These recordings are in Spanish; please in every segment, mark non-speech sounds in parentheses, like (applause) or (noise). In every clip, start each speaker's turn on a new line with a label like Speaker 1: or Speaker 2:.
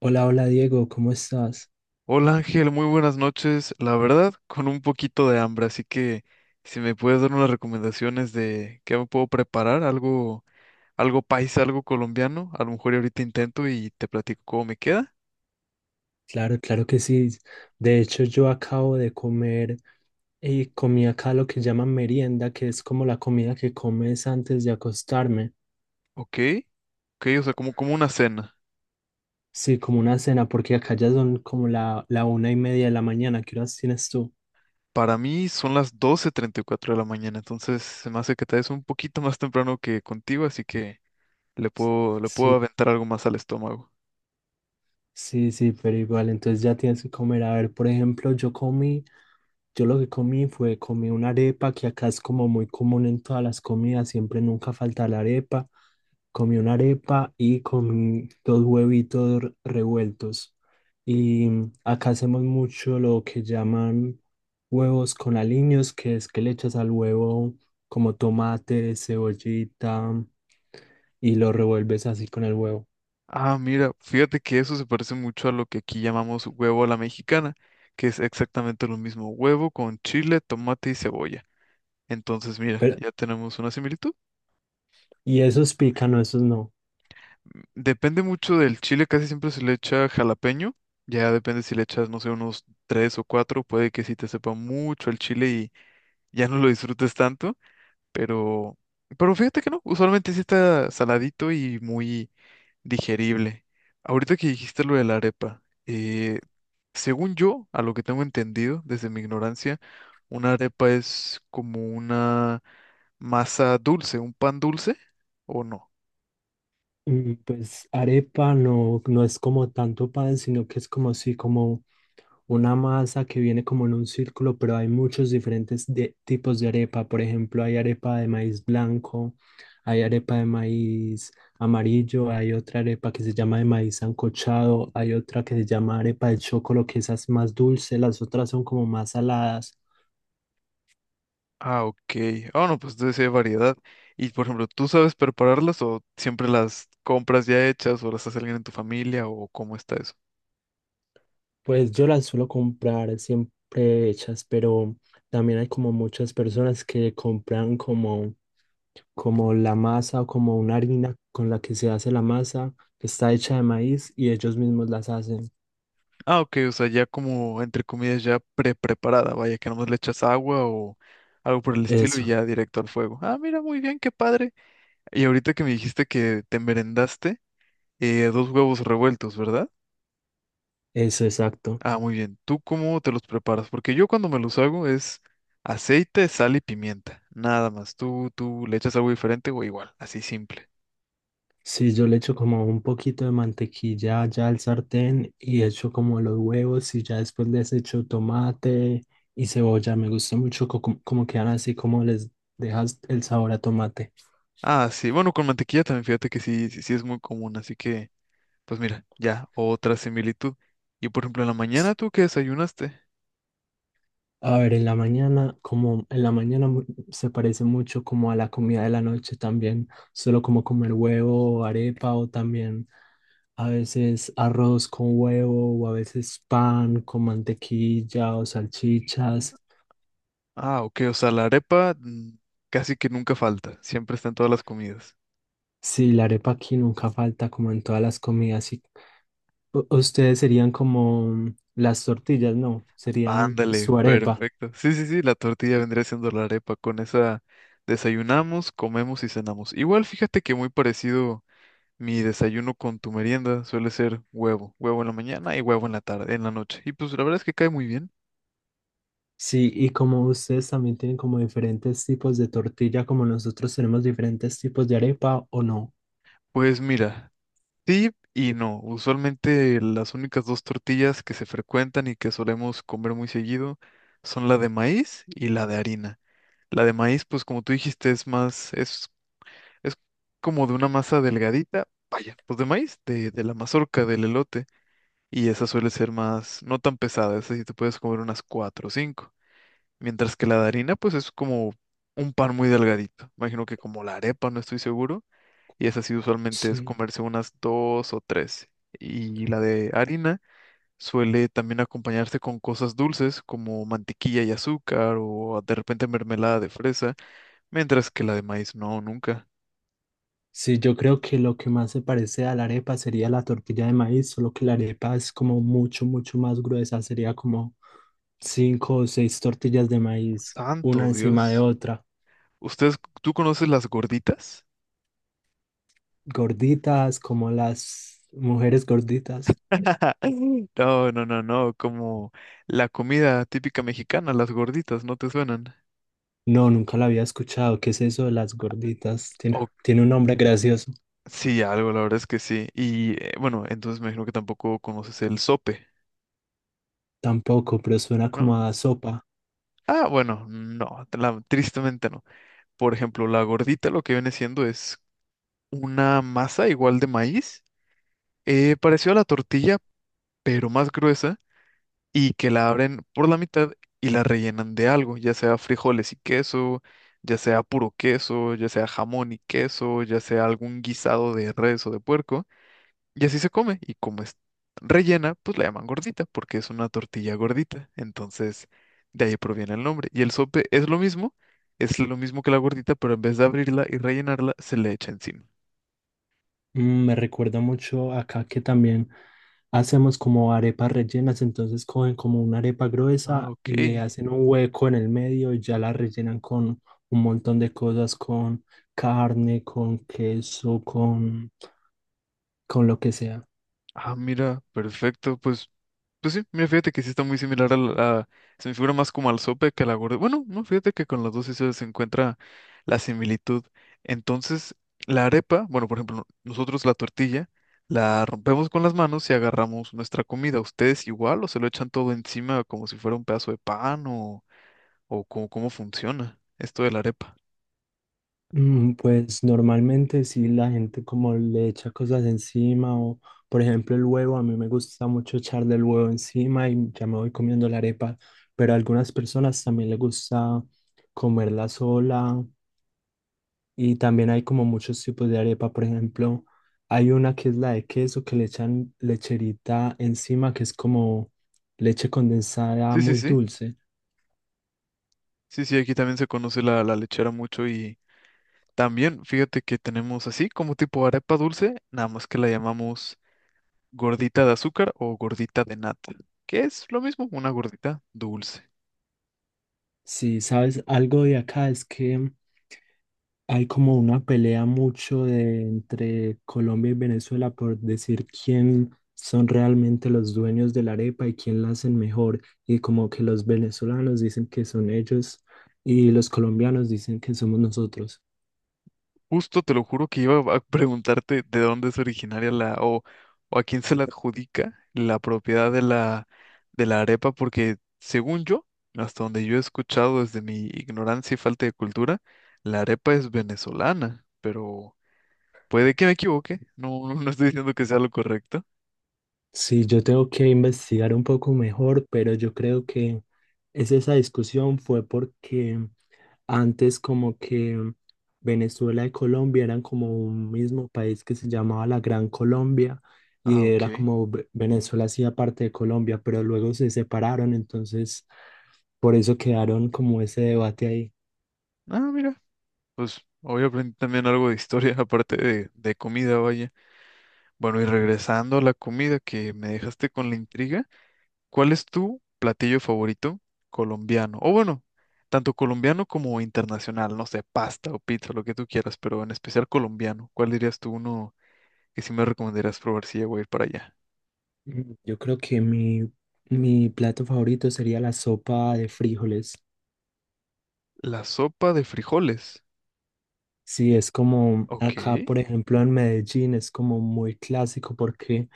Speaker 1: Hola, hola Diego, ¿cómo estás?
Speaker 2: Hola Ángel, muy buenas noches. La verdad, con un poquito de hambre, así que si me puedes dar unas recomendaciones de qué me puedo preparar, algo paisa, algo colombiano, a lo mejor y ahorita intento y te platico cómo me queda.
Speaker 1: Claro, claro que sí. De hecho, yo acabo de comer y comí acá lo que llaman merienda, que es como la comida que comes antes de acostarme.
Speaker 2: Ok, ok, o sea, como una cena.
Speaker 1: Sí, como una cena, porque acá ya son como la 1:30 de la mañana. ¿Qué horas tienes tú?
Speaker 2: Para mí son las 12:34 de la mañana, entonces se me hace que te des un poquito más temprano que contigo, así que le puedo
Speaker 1: Sí,
Speaker 2: aventar algo más al estómago.
Speaker 1: sí, sí, pero igual, entonces ya tienes que comer. A ver, por ejemplo, yo lo que comí fue, comí una arepa, que acá es como muy común en todas las comidas, siempre nunca falta la arepa. Comí una arepa y comí 2 huevitos revueltos. Y acá hacemos mucho lo que llaman huevos con aliños, que es que le echas al huevo como tomate, cebollita, y lo revuelves así con el huevo.
Speaker 2: Ah, mira, fíjate que eso se parece mucho a lo que aquí llamamos huevo a la mexicana, que es exactamente lo mismo, huevo con chile, tomate y cebolla. Entonces, mira,
Speaker 1: Pero,
Speaker 2: ya tenemos una similitud.
Speaker 1: y esos pican, no, esos no.
Speaker 2: Depende mucho del chile, casi siempre se le echa jalapeño, ya depende si le echas, no sé, unos tres o cuatro, puede que sí te sepa mucho el chile y ya no lo disfrutes tanto, pero, pero fíjate que no, usualmente sí está saladito y muy digerible. Ahorita que dijiste lo de la arepa. Según yo, a lo que tengo entendido desde mi ignorancia, una arepa es como una masa dulce, un pan dulce, ¿o no?
Speaker 1: Pues arepa no, no es como tanto pan, sino que es como si como una masa que viene como en un círculo, pero hay muchos tipos de arepa. Por ejemplo, hay arepa de maíz blanco, hay arepa de maíz amarillo, hay otra arepa que se llama de maíz sancochado, hay otra que se llama arepa de chocolo, que esa es más dulce, las otras son como más saladas.
Speaker 2: Ah, ok. Ah, no, pues entonces sí hay variedad. Y por ejemplo, ¿tú sabes prepararlas o siempre las compras ya hechas o las hace alguien en tu familia o cómo está eso?
Speaker 1: Pues yo las suelo comprar siempre hechas, pero también hay como muchas personas que compran como la masa o como una harina con la que se hace la masa, que está hecha de maíz y ellos mismos las hacen.
Speaker 2: Ah, ok, o sea, ya como entre comillas ya pre-preparada, vaya, que nomás le echas agua o algo por el estilo y
Speaker 1: Eso,
Speaker 2: ya directo al fuego. Ah, mira, muy bien, qué padre. Y ahorita que me dijiste que te merendaste. Dos huevos revueltos, ¿verdad?
Speaker 1: eso, exacto.
Speaker 2: Ah, muy bien. ¿Tú cómo te los preparas? Porque yo cuando me los hago es aceite, sal y pimienta. Nada más. ¿Tú le echas algo diferente o igual? Así simple.
Speaker 1: Sí, yo le echo como un poquito de mantequilla ya al sartén y echo como los huevos y ya después les echo tomate y cebolla. Me gusta mucho como quedan así, como les dejas el sabor a tomate.
Speaker 2: Ah, sí. Bueno, con mantequilla también, fíjate que sí, sí, sí es muy común. Así que, pues mira, ya, otra similitud. Y por ejemplo, en la mañana, ¿tú qué desayunaste?
Speaker 1: A ver, en la mañana, como en la mañana se parece mucho como a la comida de la noche también, solo como comer huevo, arepa o también a veces arroz con huevo, o a veces pan con mantequilla o salchichas.
Speaker 2: Ah, ok. O sea, la arepa casi que nunca falta. Siempre está en todas las comidas.
Speaker 1: Sí, la arepa aquí nunca falta, como en todas las comidas. Y ustedes serían como las tortillas, no, serían
Speaker 2: Ándale,
Speaker 1: su arepa.
Speaker 2: perfecto. Sí, sí, sí, la tortilla vendría siendo la arepa. Con esa desayunamos, comemos y cenamos. Igual, fíjate que muy parecido mi desayuno con tu merienda suele ser huevo, huevo en la mañana y huevo en la tarde, en la noche. Y pues la verdad es que cae muy bien.
Speaker 1: Sí, y como ustedes también tienen como diferentes tipos de tortilla, como nosotros tenemos diferentes tipos de arepa, ¿o no?
Speaker 2: Pues mira, sí y no. Usualmente las únicas dos tortillas que se frecuentan y que solemos comer muy seguido son la de maíz y la de harina. La de maíz, pues como tú dijiste, es más, es. Es como de una masa delgadita, vaya, pues de maíz, de la mazorca, del elote. Y esa suele ser más, no tan pesada, esa sí te puedes comer unas cuatro o cinco. Mientras que la de harina, pues es como un pan muy delgadito. Imagino que como la arepa, no estoy seguro. Y esa sí usualmente es
Speaker 1: Sí.
Speaker 2: comerse unas dos o tres. Y la de harina suele también acompañarse con cosas dulces como mantequilla y azúcar o de repente mermelada de fresa, mientras que la de maíz no, nunca.
Speaker 1: Sí, yo creo que lo que más se parece a la arepa sería la tortilla de maíz, solo que la arepa es como mucho, mucho más gruesa, sería como 5 o 6 tortillas de maíz, una
Speaker 2: Santo
Speaker 1: encima de
Speaker 2: Dios.
Speaker 1: otra.
Speaker 2: ¿Ustedes, tú conoces las gorditas?
Speaker 1: Gorditas como las mujeres gorditas.
Speaker 2: (laughs) No, no, no, no, como la comida típica mexicana, las gorditas, ¿no te suenan?
Speaker 1: No, nunca la había escuchado. ¿Qué es eso de las gorditas? Tiene,
Speaker 2: O
Speaker 1: tiene un nombre gracioso.
Speaker 2: sí, algo, la verdad es que sí. Y bueno, entonces me imagino que tampoco conoces el sope,
Speaker 1: Tampoco, pero suena como
Speaker 2: ¿no?
Speaker 1: a sopa.
Speaker 2: Ah, bueno, no, tristemente no. Por ejemplo, la gordita lo que viene siendo es una masa igual de maíz, parecido a la tortilla, pero más gruesa. Y que la abren por la mitad y la rellenan de algo, ya sea frijoles y queso, ya sea puro queso, ya sea jamón y queso, ya sea algún guisado de res o de puerco, y así se come. Y como es rellena, pues la llaman gordita, porque es una tortilla gordita. Entonces, de ahí proviene el nombre. Y el sope es lo mismo que la gordita, pero en vez de abrirla y rellenarla, se le echa encima.
Speaker 1: Me recuerda mucho acá que también hacemos como arepas rellenas, entonces cogen como una arepa
Speaker 2: Ah,
Speaker 1: gruesa
Speaker 2: ok.
Speaker 1: y le hacen un hueco en el medio y ya la rellenan con un montón de cosas, con carne, con queso, con lo que sea.
Speaker 2: Ah, mira, perfecto. Pues sí, mira, fíjate que sí está muy similar. Se me figura más como al sope que a la gorda. Bueno, no, fíjate que con las dos sí se encuentra la similitud. Entonces, la arepa, bueno, por ejemplo, nosotros la tortilla la rompemos con las manos y agarramos nuestra comida. ¿Ustedes igual o se lo echan todo encima como si fuera un pedazo de pan o, cómo funciona esto de la arepa?
Speaker 1: Pues normalmente sí la gente como le echa cosas encima o por ejemplo el huevo, a mí me gusta mucho echarle el huevo encima y ya me voy comiendo la arepa, pero a algunas personas también les gusta comerla sola, y también hay como muchos tipos de arepa, por ejemplo hay una que es la de queso que le echan lecherita encima que es como leche condensada
Speaker 2: Sí, sí,
Speaker 1: muy
Speaker 2: sí.
Speaker 1: dulce.
Speaker 2: Sí, sí, aquí también se conoce la lechera mucho y también fíjate que tenemos así como tipo arepa dulce, nada más que la llamamos ¿gordita de azúcar o gordita de nata? Que es lo mismo, una gordita dulce.
Speaker 1: Si sabes algo de acá es que... Hay como una pelea mucho entre Colombia y Venezuela por decir quién son realmente los dueños de la arepa y quién la hacen mejor. Y como que los venezolanos dicen que son ellos y los colombianos dicen que somos nosotros.
Speaker 2: Justo te lo juro que iba a preguntarte de dónde es originaria la o a quién se la adjudica la propiedad de la arepa, porque según yo, hasta donde yo he escuchado desde mi ignorancia y falta de cultura, la arepa es venezolana, pero puede que me equivoque. No, no no estoy diciendo que sea lo correcto.
Speaker 1: Sí, yo tengo que investigar un poco mejor, pero yo creo que es esa discusión fue porque antes como que Venezuela y Colombia eran como un mismo país que se llamaba la Gran Colombia
Speaker 2: Ah,
Speaker 1: y era
Speaker 2: ok.
Speaker 1: como Venezuela hacía parte de Colombia, pero luego se separaron, entonces por eso quedaron como ese debate ahí.
Speaker 2: Ah, mira, pues hoy aprendí también algo de historia, (laughs) aparte de comida, vaya. Bueno, y regresando a la comida que me dejaste con la intriga, ¿cuál es tu platillo favorito colombiano? O bueno, tanto colombiano como internacional, no sé, pasta o pizza, lo que tú quieras, pero en especial colombiano. ¿Cuál dirías tú uno que sí me recomendarías probar si llego a ir para allá?
Speaker 1: Yo creo que mi plato favorito sería la sopa de frijoles.
Speaker 2: La sopa de frijoles.
Speaker 1: Sí, es como
Speaker 2: Ok,
Speaker 1: acá, por ejemplo, en Medellín es como muy clásico porque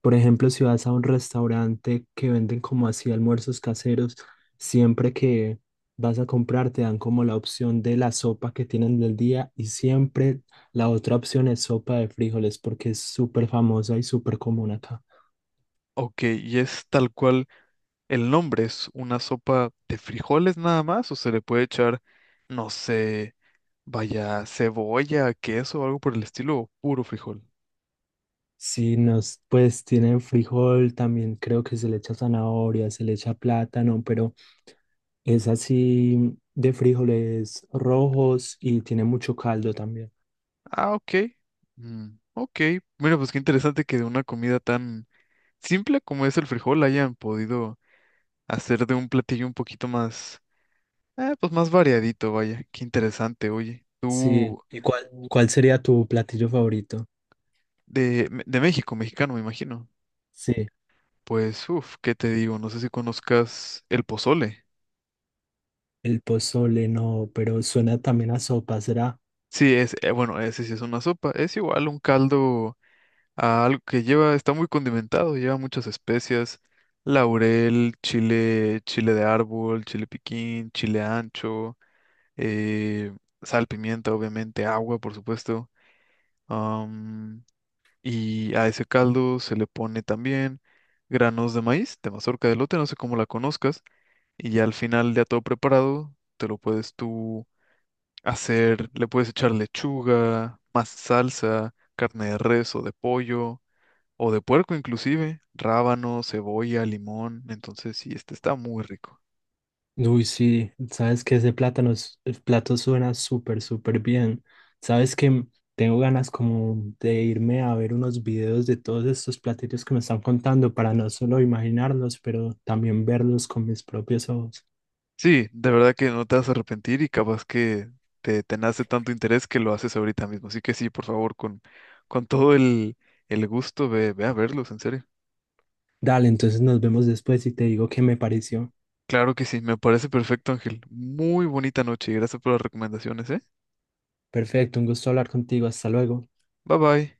Speaker 1: por ejemplo, si vas a un restaurante que venden como así almuerzos caseros, siempre que vas a comprar te dan como la opción de la sopa que tienen del día y siempre la otra opción es sopa de frijoles porque es súper famosa y súper común acá.
Speaker 2: ok, y es tal cual el nombre, es una sopa de frijoles nada más, o se le puede echar, no sé, vaya, cebolla, queso o algo por el estilo, o puro frijol.
Speaker 1: Si nos, pues tienen frijol, también creo que se le echa zanahoria, se le echa plátano, pero es así de frijoles rojos y tiene mucho caldo también.
Speaker 2: Ah, ok. Mm, ok. Mira, pues qué interesante que de una comida tan simple como es el frijol hayan podido hacer de un platillo un poquito más, pues más variadito, vaya. Qué interesante, oye.
Speaker 1: Sí,
Speaker 2: Tú,
Speaker 1: ¿y cuál sería tu platillo favorito?
Speaker 2: de México, mexicano, me imagino.
Speaker 1: Sí,
Speaker 2: Pues, uff, ¿qué te digo? No sé si conozcas el pozole.
Speaker 1: el pozole no, pero suena también a sopa, ¿será?
Speaker 2: Sí, es, bueno, ese sí es una sopa. Es igual un caldo. A algo que lleva, está muy condimentado, lleva muchas especias, laurel, chile, chile de árbol, chile piquín, chile ancho, eh, sal, pimienta, obviamente, agua, por supuesto. am, y a ese caldo se le pone también granos de maíz, de mazorca de lote, no sé cómo la conozcas, y ya al final ya todo preparado, te lo puedes tú hacer, le puedes echar lechuga, más salsa, carne de res o de pollo o de puerco inclusive, rábano, cebolla, limón. Entonces sí, este está muy rico.
Speaker 1: Uy, sí, sabes que ese plátano, el plato suena súper, súper bien. Sabes que tengo ganas como de irme a ver unos videos de todos estos platillos que me están contando para no solo imaginarlos, pero también verlos con mis propios ojos.
Speaker 2: Sí, de verdad que no te vas a arrepentir y capaz que te nace tanto interés que lo haces ahorita mismo. Así que sí, por favor, con todo el gusto, ve, ve a verlos, en serio.
Speaker 1: Dale, entonces nos vemos después y te digo qué me pareció.
Speaker 2: Claro que sí, me parece perfecto, Ángel. Muy bonita noche y gracias por las recomendaciones, ¿eh?
Speaker 1: Perfecto, un gusto hablar contigo, hasta luego.
Speaker 2: Bye bye.